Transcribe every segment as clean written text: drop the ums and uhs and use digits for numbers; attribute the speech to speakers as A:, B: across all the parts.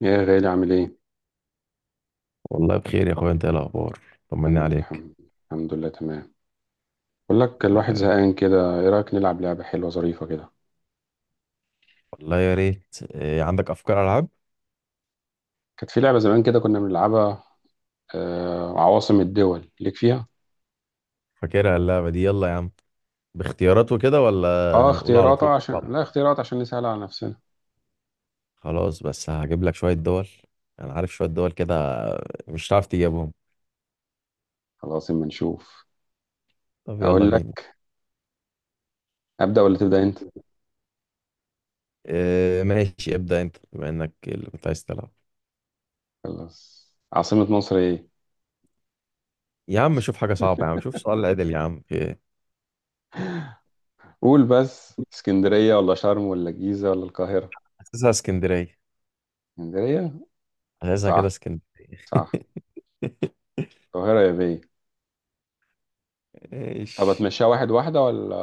A: يا غالي، عامل ايه؟
B: والله بخير يا اخويا، انت ايه الاخبار؟ طمني
A: تمام
B: عليك.
A: الحمد لله تمام. بقول لك الواحد
B: والله
A: زهقان كده، ايه رأيك نلعب لعبة حلوة ظريفة كده؟
B: والله يا ريت. إيه، عندك افكار العاب؟
A: كانت في لعبة زمان كده كنا بنلعبها، عواصم الدول، ليك فيها؟
B: فاكرها اللعبه دي، يلا يا عم. باختيارات وكده ولا
A: اه،
B: هنقول على
A: اختيارات.
B: طول؟
A: عشان لا اختيارات، عشان نسهل على نفسنا.
B: خلاص، بس هجيب لك شويه دول. انا عارف شويه دول كده مش هتعرف تجيبهم.
A: خلاص اما نشوف.
B: طب يلا
A: اقول
B: بينا.
A: لك، ابدأ ولا تبدأ انت؟
B: إيه ماشي، ابدا انت بما انك اللي كنت عايز تلعب.
A: خلاص، عاصمة مصر ايه؟
B: يا عم شوف حاجه صعبه، يا عم شوف سؤال عدل يا عم. إيه؟
A: قول بس، اسكندرية ولا شرم ولا الجيزة ولا القاهرة؟
B: اساسها اسكندريه.
A: اسكندرية؟
B: اساسها كده
A: صح،
B: اسكندريه.
A: صح. القاهرة يا بيه. طب
B: ايش؟
A: اتمشيها واحد واحدة، ولا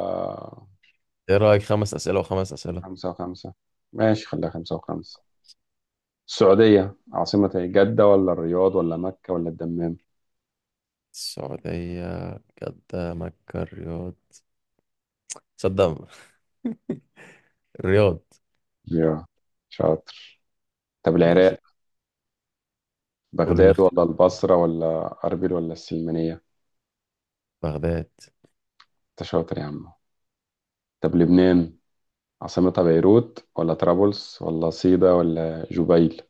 B: ايه رايك خمس اسئله وخمس اسئله؟
A: خمسة وخمسة؟ ماشي، خليها خمسة وخمسة. السعودية عاصمة إيه؟ جدة ولا الرياض ولا مكة ولا الدمام؟
B: السعودية، جدة مكة الرياض. تصدق؟ الرياض.
A: يا شاطر. طب
B: ماشي.
A: العراق،
B: قول
A: بغداد ولا
B: الاختيار.
A: البصرة ولا أربيل ولا السلمانية؟
B: بغداد.
A: أنت شاطر يا عم. طب لبنان، عاصمتها بيروت ولا طرابلس ولا صيدا ولا جبيل؟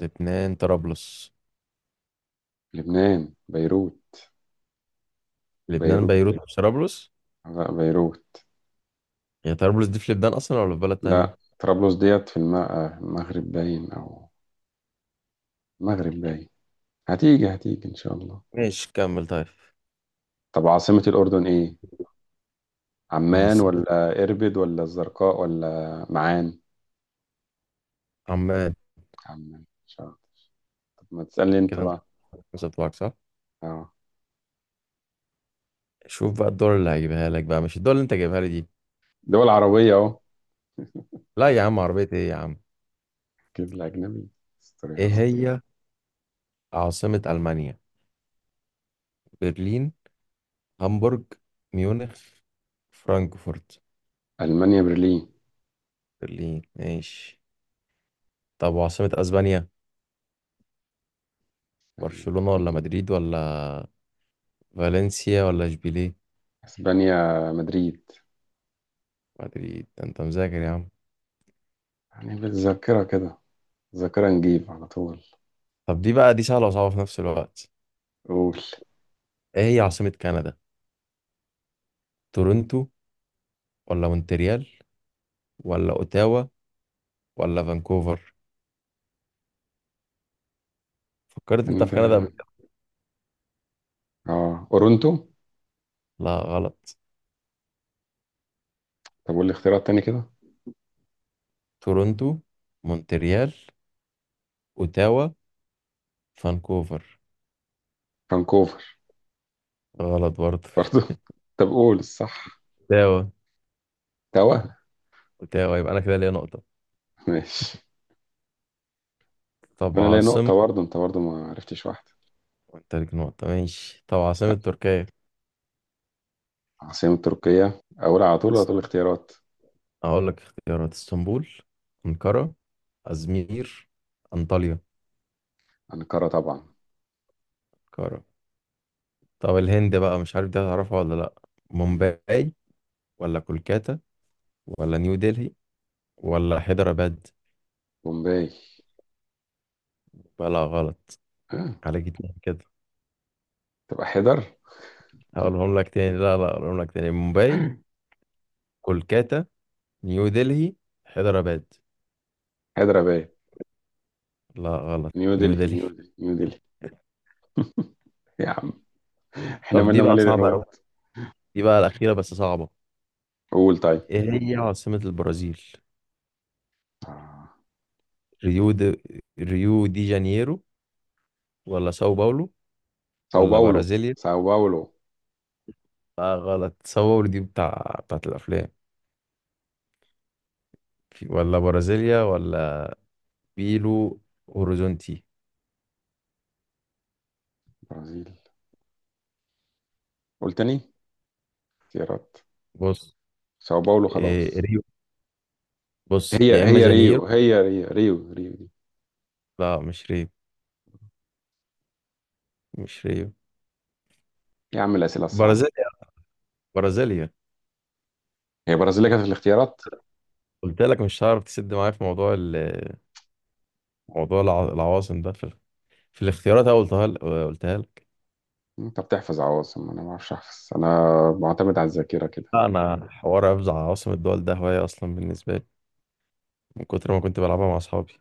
B: لبنان طرابلس.
A: لبنان بيروت.
B: لبنان
A: بيروت،
B: بيروت مش طرابلس.
A: لا بيروت.
B: هي طرابلس دي في لبنان أصلا ولا في بلد تانية؟
A: لا، طرابلس ديت في المغرب باين، أو المغرب باين. هتيجي هتيجي إن شاء الله.
B: ماشي كمل طيب.
A: طب عاصمة الأردن إيه؟ عمان
B: عاصمة.
A: ولا إربد ولا الزرقاء ولا معان؟
B: عمان.
A: عمان. مش عارف. طب ما تسألني أنت
B: كده انت،
A: بقى.
B: خمسة بتوعك صح.
A: أه.
B: شوف بقى الدول اللي هجيبها لك بقى، مش الدول اللي انت جايبها لي دي.
A: دول عربية أهو.
B: لا يا عم عربية ايه يا عم.
A: جيب لي أجنبي. استر يا
B: ايه
A: رب.
B: هي عاصمة ألمانيا؟ برلين، هامبورج، ميونخ، فرانكفورت.
A: ألمانيا برلين.
B: برلين ماشي. طب وعاصمة أسبانيا؟
A: يعني.
B: برشلونة ولا مدريد ولا فالنسيا ولا إشبيلية؟
A: إسبانيا مدريد.
B: مدريد؟ ده أنت مذاكر يا عم.
A: يعني بالذاكرة كده، ذاكرة نجيب على طول.
B: طب دي بقى، دي سهلة وصعبة في نفس الوقت.
A: قول.
B: إيه هي عاصمة كندا؟ تورنتو ولا مونتريال ولا أوتاوا ولا فانكوفر؟ فكرت أنت
A: كان
B: في كندا قبل
A: ده،
B: كده؟
A: أورونتو.
B: لا غلط.
A: طب قول لي اختيارات تاني كده.
B: تورنتو، مونتريال، أوتاوا، فانكوفر.
A: فانكوفر.
B: غلط برضه.
A: برضه. طب قول الصح.
B: أوتاوا.
A: توا.
B: أوتاوا، يبقى أنا كده ليا نقطة.
A: ماشي.
B: طب
A: وأنا ليا
B: عاصمة.
A: نقطة برضه، أنت برضه ما عرفتش واحدة.
B: وأنت ليك نقطة، ماشي. طب عاصمة تركيا.
A: عاصمة تركيا، أقول على طول ولا تقول اختيارات؟
B: أقول لك اختيارات: اسطنبول، أنقرة، أزمير، أنطاليا.
A: أنقرة طبعا.
B: أنقرة. طب الهند بقى، مش عارف دي هتعرفها ولا لأ.
A: مم.
B: مومباي ولا كولكاتا ولا نيو دلهي ولا حيدراباد؟
A: بومباي.
B: ولا غلط.
A: ها؟
B: عليك اتنين كده.
A: تبقى حيدر.
B: هقولهم لك تاني، لا لا هقولهم لك تاني. مومباي، كولكاتا، نيو دلهي، حيدراباد.
A: حيدر أباد.
B: لا غلط.
A: نيو
B: نيو
A: دلهي،
B: دلهي.
A: نيو دلهي، نيو دلهي. يا عم، احنا
B: طب دي
A: مالنا
B: بقى
A: مال
B: صعبة أوي.
A: العراق.
B: دي بقى الأخيرة بس صعبة.
A: قول طيب.
B: إيه هي عاصمة البرازيل؟
A: آه.
B: ريو دي، ريو دي جانيرو، ولا ساو باولو،
A: ساو
B: ولا
A: باولو،
B: برازيليا.
A: ساو باولو.
B: لا غلط. تصور دي بتاعت الافلام. في، ولا برازيليا، ولا بيلو هوريزونتي.
A: برازيل. قول تاني، اختيارات.
B: بص.
A: ساو باولو خلاص.
B: إيه ريو. بص
A: هي
B: يا اما
A: هي
B: جانيرو.
A: ريو، هي ريو، ريو ريو دي.
B: لا مش ريو، مش ريو.
A: يا عم، الأسئلة الصعبة.
B: برازيليا، برازيليا.
A: هي برازيل اللي كانت في الاختيارات.
B: قلت لك مش هعرف تسد معايا في موضوع العواصم ده في الاختيارات أهو. قلتها لك، قلتها لك.
A: انت بتحفظ عواصم، انا ما اعرفش احفظ. انا معتمد على الذاكرة كده.
B: لا انا حوار حفظ عواصم الدول ده هوايه اصلا بالنسبه لي، من كتر ما كنت بلعبها مع اصحابي.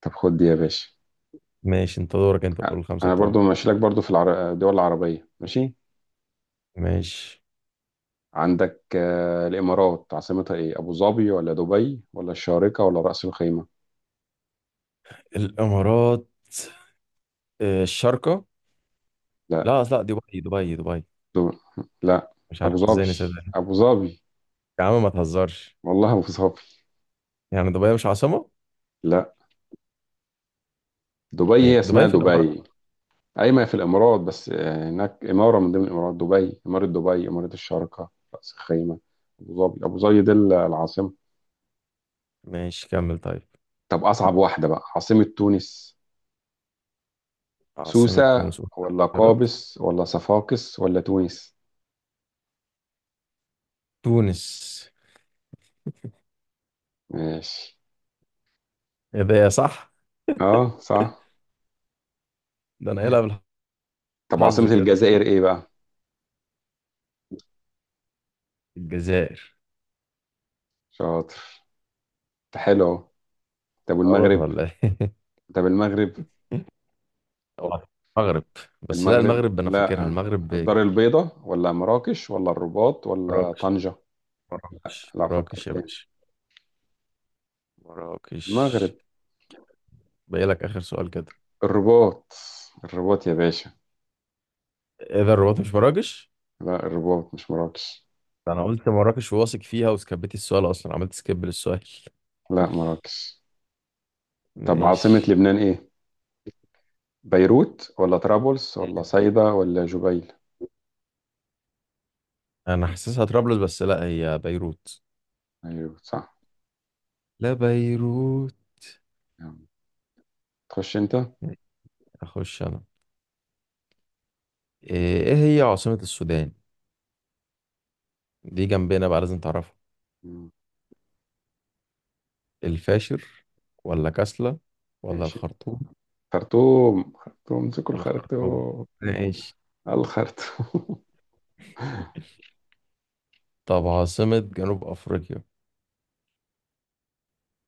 A: طب خد دي يا باشا.
B: ماشي انت دورك، انت قول الخمسه
A: انا
B: بتوعك.
A: برضو ماشي لك، برضو في الدول العربيه ماشي.
B: ماشي.
A: عندك، الامارات عاصمتها ايه؟ ابو ظبي ولا دبي ولا الشارقه ولا راس الخيمه؟
B: الامارات. الشارقة.
A: لا.
B: لا لا، دبي دبي دبي.
A: دو... لا
B: مش عارف
A: ابو
B: ازاي
A: ظبي.
B: نسيت ده.
A: ابو ظبي.
B: يا عم ما تهزرش.
A: والله ابو ظبي.
B: يعني دبي مش عاصمة؟
A: لا، دبي
B: هي
A: هي اسمها
B: دبي في الإمارات.
A: دبي. اي ما هي في الامارات، بس هناك اماره من ضمن الامارات، دبي اماره، دبي اماره، الشارقه، راس الخيمه. ابو ظبي، ابو ظبي دي العاصمه.
B: ماشي كمل طيب.
A: طب اصعب واحده بقى، عاصمه تونس.
B: عاصمة
A: سوسه
B: تونس.
A: ولا
B: اختيارات.
A: قابس ولا صفاقس ولا تونس؟
B: تونس.
A: ماشي.
B: ايه ده يا صح!
A: اه صح.
B: ده انا قايلها.
A: طب
B: بالحظ
A: عاصمة
B: كده.
A: الجزائر ايه بقى؟
B: الجزائر.
A: شاطر. حلو أهو. طب
B: غلط
A: والمغرب.
B: ولا ايه؟
A: طب المغرب.
B: هو المغرب. بس لا
A: المغرب
B: المغرب انا فاكرها،
A: لا،
B: المغرب
A: الدار
B: كانت
A: البيضاء ولا مراكش ولا الرباط ولا
B: مراكش.
A: طنجة؟
B: مراكش،
A: لا، فكر
B: مراكش يا
A: تاني.
B: باشا. مراكش.
A: المغرب
B: باقي لك اخر سؤال كده.
A: الرباط. الرباط يا باشا.
B: ايه ده، الرباط مش مراكش؟
A: لا، الرباط مش مراكش.
B: ده انا قلت مراكش واثق فيها وسكبت السؤال، اصلا عملت سكيب للسؤال.
A: لا مراكش. طب عاصمة
B: ماشي.
A: لبنان ايه؟ بيروت ولا طرابلس ولا صيدا ولا جبيل؟
B: انا حاسسها طرابلس، بس لا هي بيروت.
A: بيروت صح.
B: لا بيروت.
A: يلا. تخش انت.
B: اخش انا. إيه هي عاصمة السودان؟ دي جنبنا بقى لازم تعرفها.
A: مم.
B: الفاشر ولا كسلة ولا
A: ماشي.
B: الخرطوم؟
A: خرطوم، خرطوم، امسكوا
B: الخرطوم.
A: الخرطوم.
B: ماشي.
A: الخرطوم.
B: طب عاصمة جنوب افريقيا.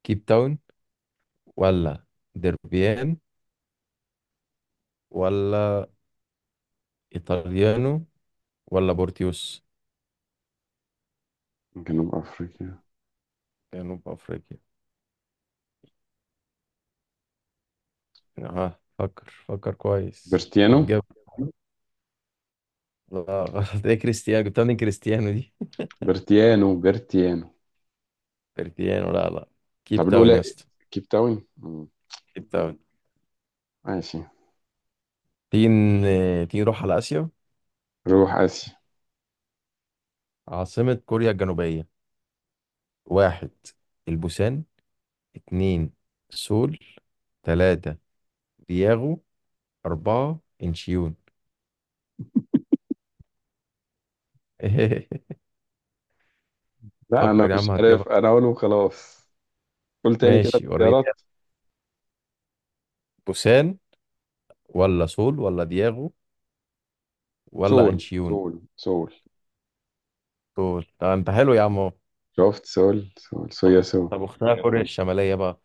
B: كيب تاون ولا دربيان ولا ايطاليانو ولا بورتيوس.
A: جنوب افريقيا.
B: جنوب افريقيا. اه فكر فكر كويس.
A: برتيانو،
B: هتجيب. لا غلط. ايه كريستيانو، جبتها من كريستيانو دي.
A: برتيانو، برتيانو.
B: كريستيانو، لا لا. كيب
A: طب
B: تاون يا
A: الاولى
B: اسطى.
A: كيب تاون. مم.
B: كيب تاون.
A: ماشي.
B: تيجي نروح على آسيا.
A: روح اسيا.
B: عاصمة كوريا الجنوبية. واحد، البوسان. اتنين، سول. تلاتة، دياغو. أربعة، انشيون.
A: لا انا
B: فكر يا عم
A: مش
B: هتجيبها.
A: عارف، انا اقول وخلاص. قول تاني كده
B: ماشي وريني.
A: الاختيارات.
B: بوسان ولا سول ولا دياغو ولا
A: سول،
B: انشيون.
A: سول، سول.
B: سول. ده انت حلو يا عم.
A: شفت؟ سول سول
B: طب
A: صويا سو.
B: طب اختها كوريا الشمالية بقى.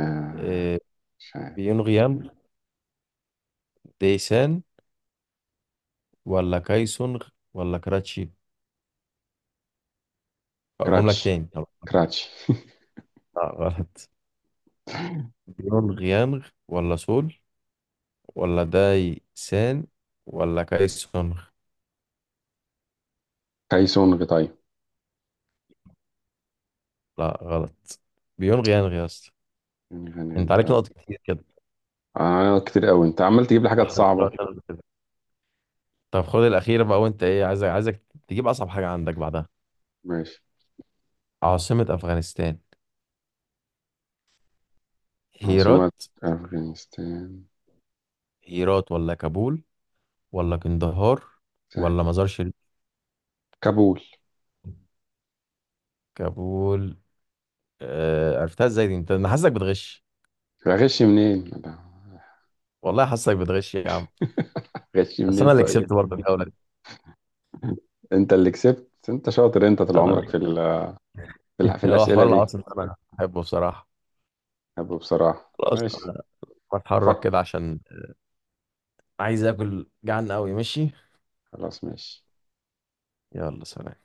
A: آه.
B: إيه.
A: مش عارف.
B: بيونغيام، ديسان، ولا كايسونغ، ولا كراتشي. هقولهم لك
A: كراتش،
B: تاني، هقولهم لك.
A: كراتش.
B: لا غلط. بيونغيانغ ولا سول ولا داي سان ولا كايسونغ.
A: كايسون غطاي.
B: لا غلط. بيونغيانغ يا اسطى.
A: غني غني
B: انت
A: انت.
B: عليك نقط كتير كده.
A: انا كتير قوي، انت عمال تجيب لي حاجات
B: لحد
A: صعبة.
B: دلوقتي أنا كده. طب خد الأخيرة بقى، وانت ايه، عايزك تجيب أصعب حاجة عندك بعدها.
A: ماشي.
B: عاصمة أفغانستان.
A: عاصمة
B: هيرات.
A: أفغانستان.
B: هيرات ولا كابول ولا قندهار ولا
A: سهلة.
B: مزار شريف.
A: كابول.
B: كابول. آه عرفتها ازاي دي انت، انا حاسسك بتغش.
A: غش منين؟
B: والله حاسسك بتغش يا عم.
A: غش
B: بس
A: منين
B: انا اللي
A: طيب.
B: كسبت برضه الجوله دي.
A: انت اللي كسبت. انت شاطر. انت طول
B: انا
A: عمرك
B: اللي.
A: في ال... في, ال... في,
B: هو
A: الأسئلة
B: حوار
A: دي.
B: العاصمة ده انا بحبه بصراحة.
A: أبو بصراحة،
B: خلاص
A: ماشي.
B: انا بتحرك
A: فك.
B: كده عشان عايز اكل، جعان قوي ماشي.
A: خلاص ماشي.
B: يلا سلام.